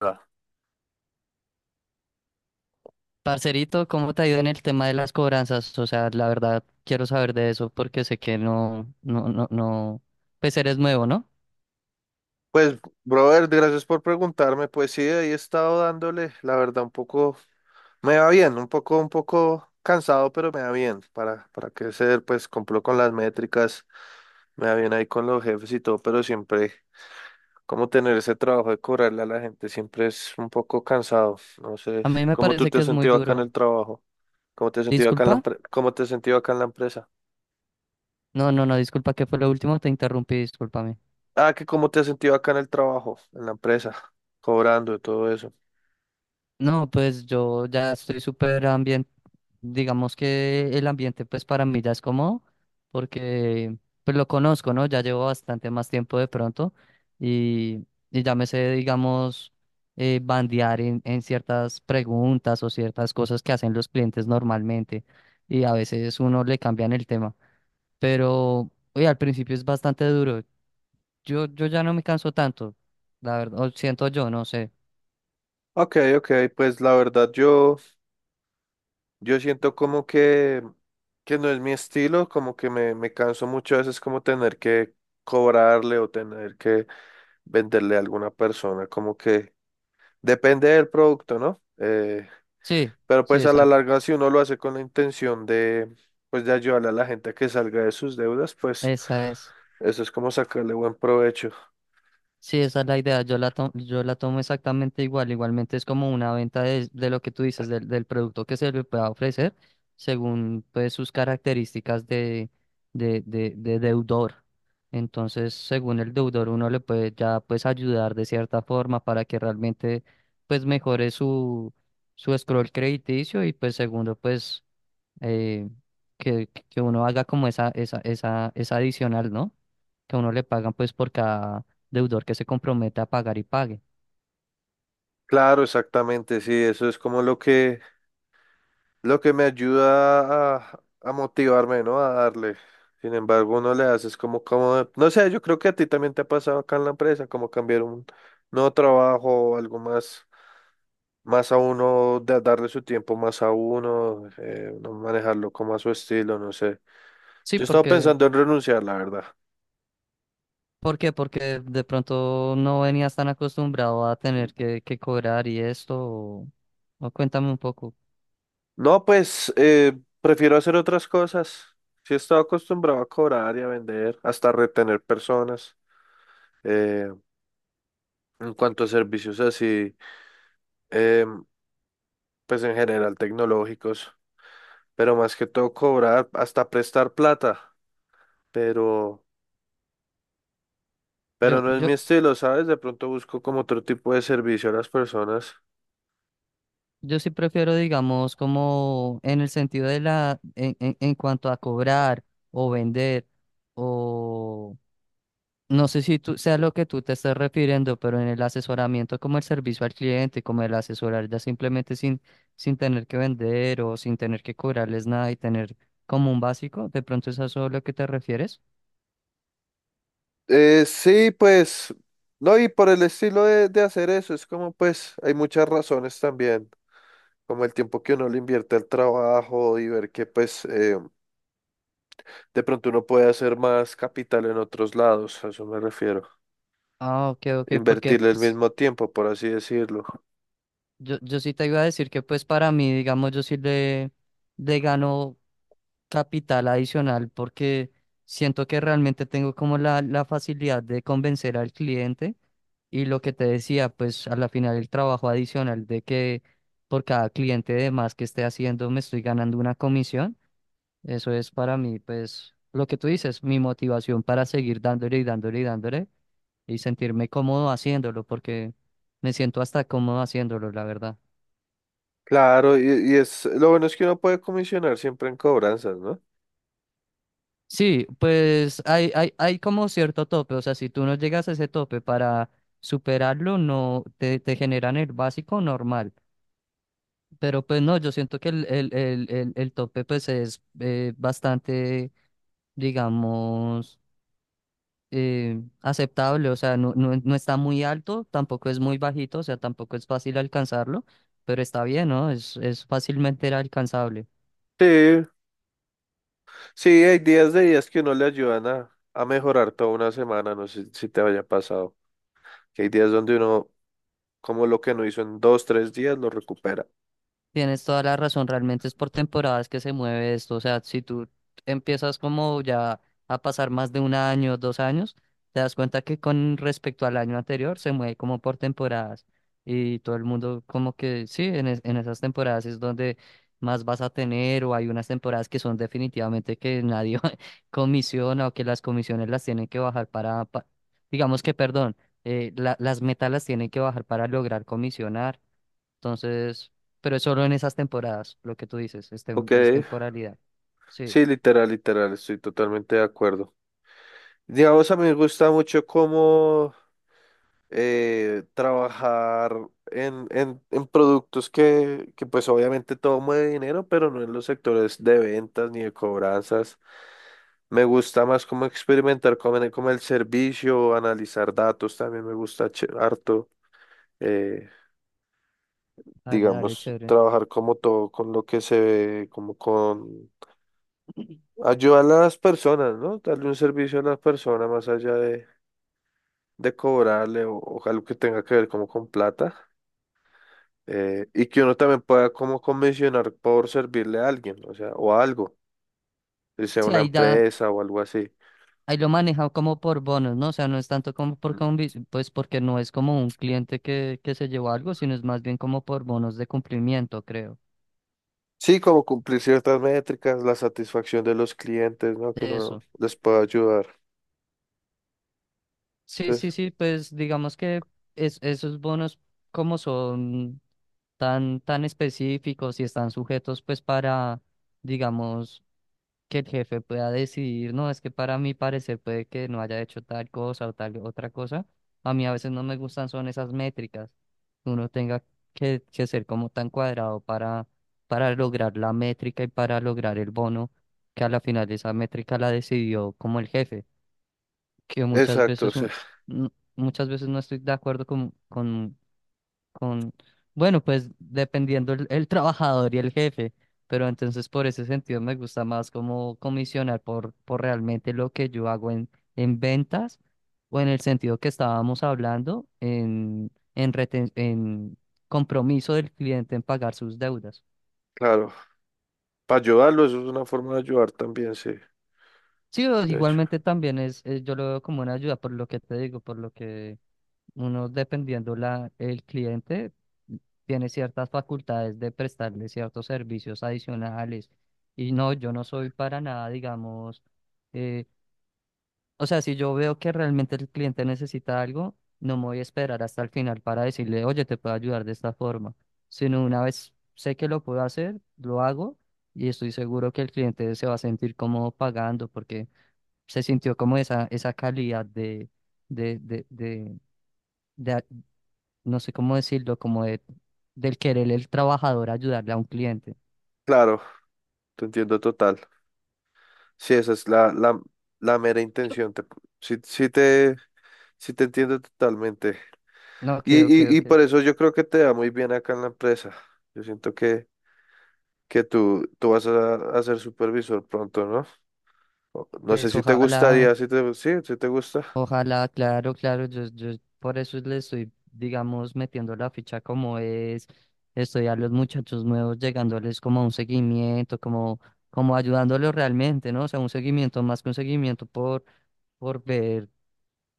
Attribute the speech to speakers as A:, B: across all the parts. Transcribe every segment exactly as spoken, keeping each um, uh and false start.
A: Va.
B: Parcerito, ¿cómo te ha ido en el tema de las cobranzas? O sea, la verdad quiero saber de eso porque sé que no, no, no, no, pues eres nuevo, ¿no?
A: Pues, brother, gracias por preguntarme. Pues sí, ahí he estado dándole, la verdad, un poco, me va bien, un poco, un poco cansado, pero me va bien. Para, para qué ser, pues cumplo con las métricas, me va bien ahí con los jefes y todo, pero siempre, como tener ese trabajo de cobrarle a la gente, siempre es un poco cansado. No sé,
B: A mí me
A: ¿cómo tú
B: parece
A: te
B: que
A: has
B: es muy
A: sentido acá en el
B: duro.
A: trabajo? ¿Cómo te has sentido acá en la
B: ¿Disculpa?
A: empre- ¿Cómo te has sentido acá en la empresa?
B: No, no, no, disculpa, ¿qué fue lo último? Te interrumpí, discúlpame.
A: Ah, que cómo te has sentido acá en el trabajo, en la empresa, cobrando y todo eso.
B: No, pues yo ya estoy súper ambiente, digamos que el ambiente pues para mí ya es cómodo, porque pues lo conozco, ¿no? Ya llevo bastante más tiempo de pronto y, y ya me sé, digamos, eh, bandear en, en ciertas preguntas o ciertas cosas que hacen los clientes normalmente y a veces uno le cambian el tema, pero oye, al principio es bastante duro. Yo, yo ya no me canso tanto, la verdad, o siento yo, no sé.
A: Ok, ok, pues la verdad yo, yo siento como que, que no es mi estilo, como que me, me canso mucho a veces como tener que cobrarle o tener que venderle a alguna persona, como que depende del producto, ¿no? Eh,
B: Sí,
A: pero
B: sí,
A: pues a la
B: exacto.
A: larga si uno lo hace con la intención de, pues de ayudarle a la gente a que salga de sus deudas, pues
B: Esa es.
A: eso es como sacarle buen provecho.
B: Sí, esa es la idea. Yo la tomo, yo la tomo exactamente igual. Igualmente es como una venta de, de lo que tú dices, del, del producto que se le pueda ofrecer según pues sus características de, de, de, de deudor. Entonces, según el deudor, uno le puede ya pues ayudar de cierta forma para que realmente pues mejore su, su scroll crediticio y pues segundo pues eh, que, que uno haga como esa, esa, esa, esa adicional, ¿no? Que a uno le pagan pues por cada deudor que se compromete a pagar y pague.
A: Claro, exactamente, sí, eso es como lo que... Lo que me ayuda a, a motivarme, ¿no? A darle. Sin embargo, uno le haces como, como, no sé, yo creo que a ti también te ha pasado acá en la empresa, como cambiar un nuevo trabajo o algo más, más a uno, de darle su tiempo más a uno, eh, no manejarlo como a su estilo, no sé.
B: Sí,
A: Yo estaba
B: porque,
A: pensando en renunciar, la verdad.
B: ¿por qué? Porque de pronto no venías tan acostumbrado a tener que, que cobrar y esto, o, o cuéntame un poco.
A: No, pues eh, prefiero hacer otras cosas. Sí he estado acostumbrado a cobrar y a vender, hasta retener personas. eh, en cuanto a servicios así. em, pues en general tecnológicos, pero más que todo cobrar, hasta prestar plata, pero, pero
B: Yo,
A: no es
B: yo,
A: mi estilo, ¿sabes? De pronto busco como otro tipo de servicio a las personas.
B: yo sí prefiero, digamos, como en el sentido de la, en, en, en cuanto a cobrar o vender o No sé si tú sea lo que tú te estás refiriendo, pero en el asesoramiento como el servicio al cliente, como el asesorar ya simplemente sin, sin tener que vender o sin tener que cobrarles nada y tener como un básico, ¿de pronto es a eso lo que te refieres?
A: Eh, sí, pues, no, y por el estilo de, de hacer eso, es como pues hay muchas razones también, como el tiempo que uno le invierte al trabajo y ver que pues eh, de pronto uno puede hacer más capital en otros lados, a eso me refiero,
B: Ah, ok, ok, porque
A: invertirle el
B: pues,
A: mismo tiempo, por así decirlo.
B: yo, yo sí te iba a decir que pues para mí, digamos, yo sí le, le gano. Capital adicional porque siento que realmente tengo como la, la facilidad de convencer al cliente y lo que te decía, pues a la final el trabajo adicional de que por cada cliente de más que esté haciendo me estoy ganando una comisión, eso es para mí pues lo que tú dices, mi motivación para seguir dándole y dándole y dándole y sentirme cómodo haciéndolo porque me siento hasta cómodo haciéndolo, la verdad.
A: Claro, y, y es lo bueno es que uno puede comisionar siempre en cobranzas, ¿no?
B: Sí, pues hay, hay, hay como cierto tope, o sea, si tú no llegas a ese tope para superarlo, no te, te generan el básico normal, pero pues no, yo siento que el, el, el, el, el tope pues es eh, bastante, digamos, eh, aceptable, o sea, no, no, no está muy alto, tampoco es muy bajito, o sea, tampoco es fácil alcanzarlo, pero está bien, ¿no? Es, es fácilmente alcanzable.
A: Sí, sí, hay días de días que uno le ayudan a, a mejorar toda una semana, no sé si te haya pasado, que hay días donde uno, como lo que no hizo en dos, tres días, lo recupera.
B: Tienes toda la razón, realmente es por temporadas que se mueve esto, o sea, si tú empiezas como ya a pasar más de un año, dos años, te das cuenta que con respecto al año anterior se mueve como por temporadas y todo el mundo como que sí, en, es- en esas temporadas es donde más vas a tener o hay unas temporadas que son definitivamente que nadie comisiona o que las comisiones las tienen que bajar para, pa- digamos que, perdón, eh, la- las metas las tienen que bajar para lograr comisionar. Entonces, pero es solo en esas temporadas, lo que tú dices, es, tem-
A: Ok,
B: es temporalidad. Sí,
A: sí, literal, literal, estoy totalmente de acuerdo. Digamos, a mí me gusta mucho cómo eh, trabajar en, en, en productos que, que pues obviamente todo mueve dinero, pero no en los sectores de ventas ni de cobranzas. Me gusta más como experimentar como en- como el servicio, analizar datos, también me gusta che- harto, eh,
B: dale, dale,
A: digamos,
B: chévere.
A: trabajar como todo con lo que se ve, como con ayudar a las personas, ¿no? Darle un servicio a las personas más allá de, de cobrarle o o algo que tenga que ver como con plata. Eh, y que uno también pueda como convencionar por servirle a alguien, o sea, o a algo, si sea
B: Sí,
A: una
B: ahí da,
A: empresa o algo así.
B: ahí lo maneja como por bonos, ¿no? O sea, no es tanto como por
A: Mm.
B: convi- pues porque no es como un cliente que, que se llevó algo, sino es más bien como por bonos de cumplimiento, creo.
A: Sí, como cumplir ciertas métricas, la satisfacción de los clientes, ¿no? Que uno
B: Eso.
A: les pueda ayudar.
B: Sí, sí,
A: Entonces,
B: sí, pues digamos que es, esos bonos como son tan, tan específicos y están sujetos pues para, digamos, que el jefe pueda decidir, no, es que para mi parecer puede que no haya hecho tal cosa o tal otra cosa. A mí a veces no me gustan son esas métricas, que uno tenga que, que ser como tan cuadrado para, para lograr la métrica y para lograr el bono, que a la final esa métrica la decidió como el jefe, que muchas
A: exacto, o
B: veces,
A: sea,
B: un- n- muchas veces no estoy de acuerdo con, con con, bueno, pues dependiendo el, el trabajador y el jefe, pero entonces por ese sentido me gusta más como comisionar por, por realmente lo que yo hago en, en ventas o en el sentido que estábamos hablando en, en, reten- en compromiso del cliente en pagar sus deudas.
A: claro, para ayudarlo, eso es una forma de ayudar también, sí,
B: Sí, o
A: de hecho.
B: igualmente también es, es- yo lo veo como una ayuda por lo que te digo, por lo que Uno, dependiendo la, el cliente, tiene ciertas facultades de prestarle ciertos servicios adicionales. Y no, yo no soy para nada, digamos, eh, o sea, si yo veo que realmente el cliente necesita algo, no me voy a esperar hasta el final para decirle, oye, te puedo ayudar de esta forma, sino una vez sé que lo puedo hacer, lo hago y estoy seguro que el cliente se va a sentir cómodo pagando porque se sintió como esa, esa calidad de, de, de, de, de, no sé cómo decirlo, como de, del querer el trabajador ayudarle a un cliente.
A: Claro, te entiendo total. Sí, esa es la, la, la mera intención. Te, sí, sí te, sí te entiendo totalmente.
B: No,
A: Y,
B: que, ok,
A: y, y
B: ok.
A: por eso yo creo que te da muy bien acá en la empresa. Yo siento que que tú, tú vas a, a ser supervisor pronto, ¿no? O- No sé
B: Pues
A: si te
B: ojalá,
A: gustaría, si te, sí, si te gusta.
B: ojalá, claro, claro, yo, yo por eso le estoy, digamos, metiendo la ficha como es, estoy a los muchachos nuevos, llegándoles como a un seguimiento, como, como ayudándolos realmente, ¿no? O sea, un seguimiento más que un seguimiento por, por ver.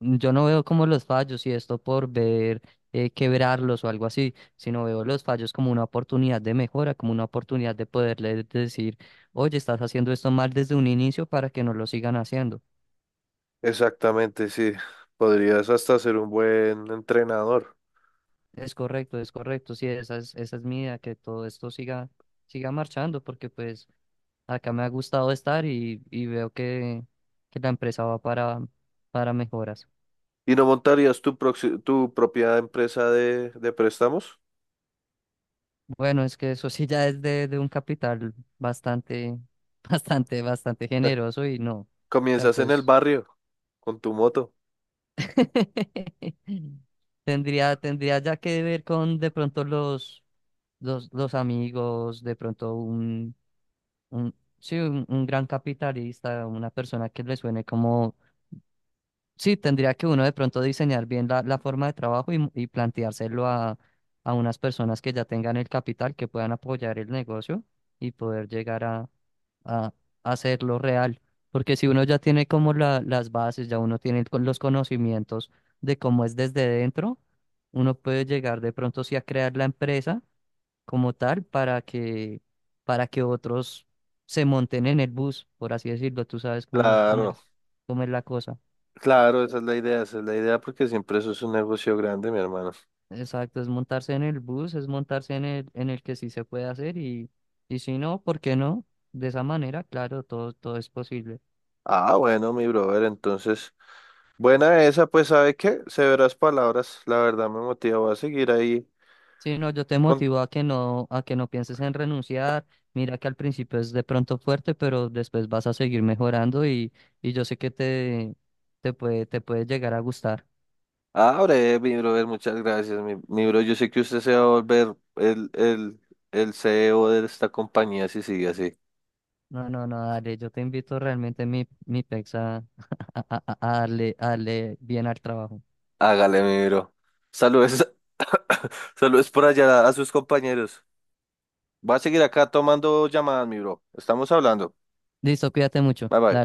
B: Yo no veo como los fallos y esto por ver eh, quebrarlos o algo así, sino veo los fallos como una oportunidad de mejora, como una oportunidad de poderle decir, oye, estás haciendo esto mal desde un inicio para que no lo sigan haciendo.
A: Exactamente, sí. Podrías hasta ser un buen entrenador.
B: Es correcto, es correcto. Sí, esa es, esa es mi idea, que todo esto siga, siga marchando, porque pues acá me ha gustado estar y, y veo que, que la empresa va para, para mejoras.
A: ¿Y no montarías tu, proxi- tu propia empresa de, de préstamos?
B: Bueno, es que eso sí ya es de, de un capital bastante, bastante, bastante generoso y no. O sea,
A: Comienzas en el
B: pues
A: barrio con tu moto.
B: tendría, tendría ya que ver con de pronto los, los, los amigos, de pronto un, un, sí, un, un gran capitalista, una persona que le suene como, sí, tendría que uno de pronto diseñar bien la, la forma de trabajo y, y planteárselo a, a unas personas que ya tengan el capital, que puedan apoyar el negocio y poder llegar a a a hacerlo real. Porque si uno ya tiene como la- las bases, ya uno tiene con- los conocimientos de cómo es desde dentro, uno puede llegar de pronto sí a crear la empresa como tal para que, para que otros se monten en el bus, por así decirlo. Tú sabes cómo, cómo
A: Claro,
B: es, cómo es la cosa.
A: claro, esa es la idea, esa es la idea porque siempre eso es un negocio grande, mi hermano.
B: Exacto, es montarse en el bus, es montarse en el, en el que sí se puede hacer y, y si no, ¿por qué no? De esa manera, claro, todo, todo es posible.
A: Ah, bueno, mi brother, entonces, buena esa, pues, ¿sabe qué? Severas palabras, la verdad me motiva, voy a seguir ahí
B: Sí, no, yo te
A: con.
B: motivo a que no, a que no pienses en renunciar. Mira que al principio es de pronto fuerte, pero después vas a seguir mejorando y, y yo sé que te, te puede, te puede llegar a gustar.
A: Ah, breve, mi brother, muchas gracias, mi, mi bro. Yo sé que usted se va a volver el, el, el C E O de esta compañía si sigue así.
B: No, no, no, dale, yo te invito realmente mi, mi pex a, a, a a darle, a darle bien al trabajo.
A: Hágale, mi bro. Saludos, saludos por allá a sus compañeros. Va a seguir acá tomando llamadas, mi bro. Estamos hablando.
B: Listo, cuídate mucho.
A: Bye bye.
B: Dale.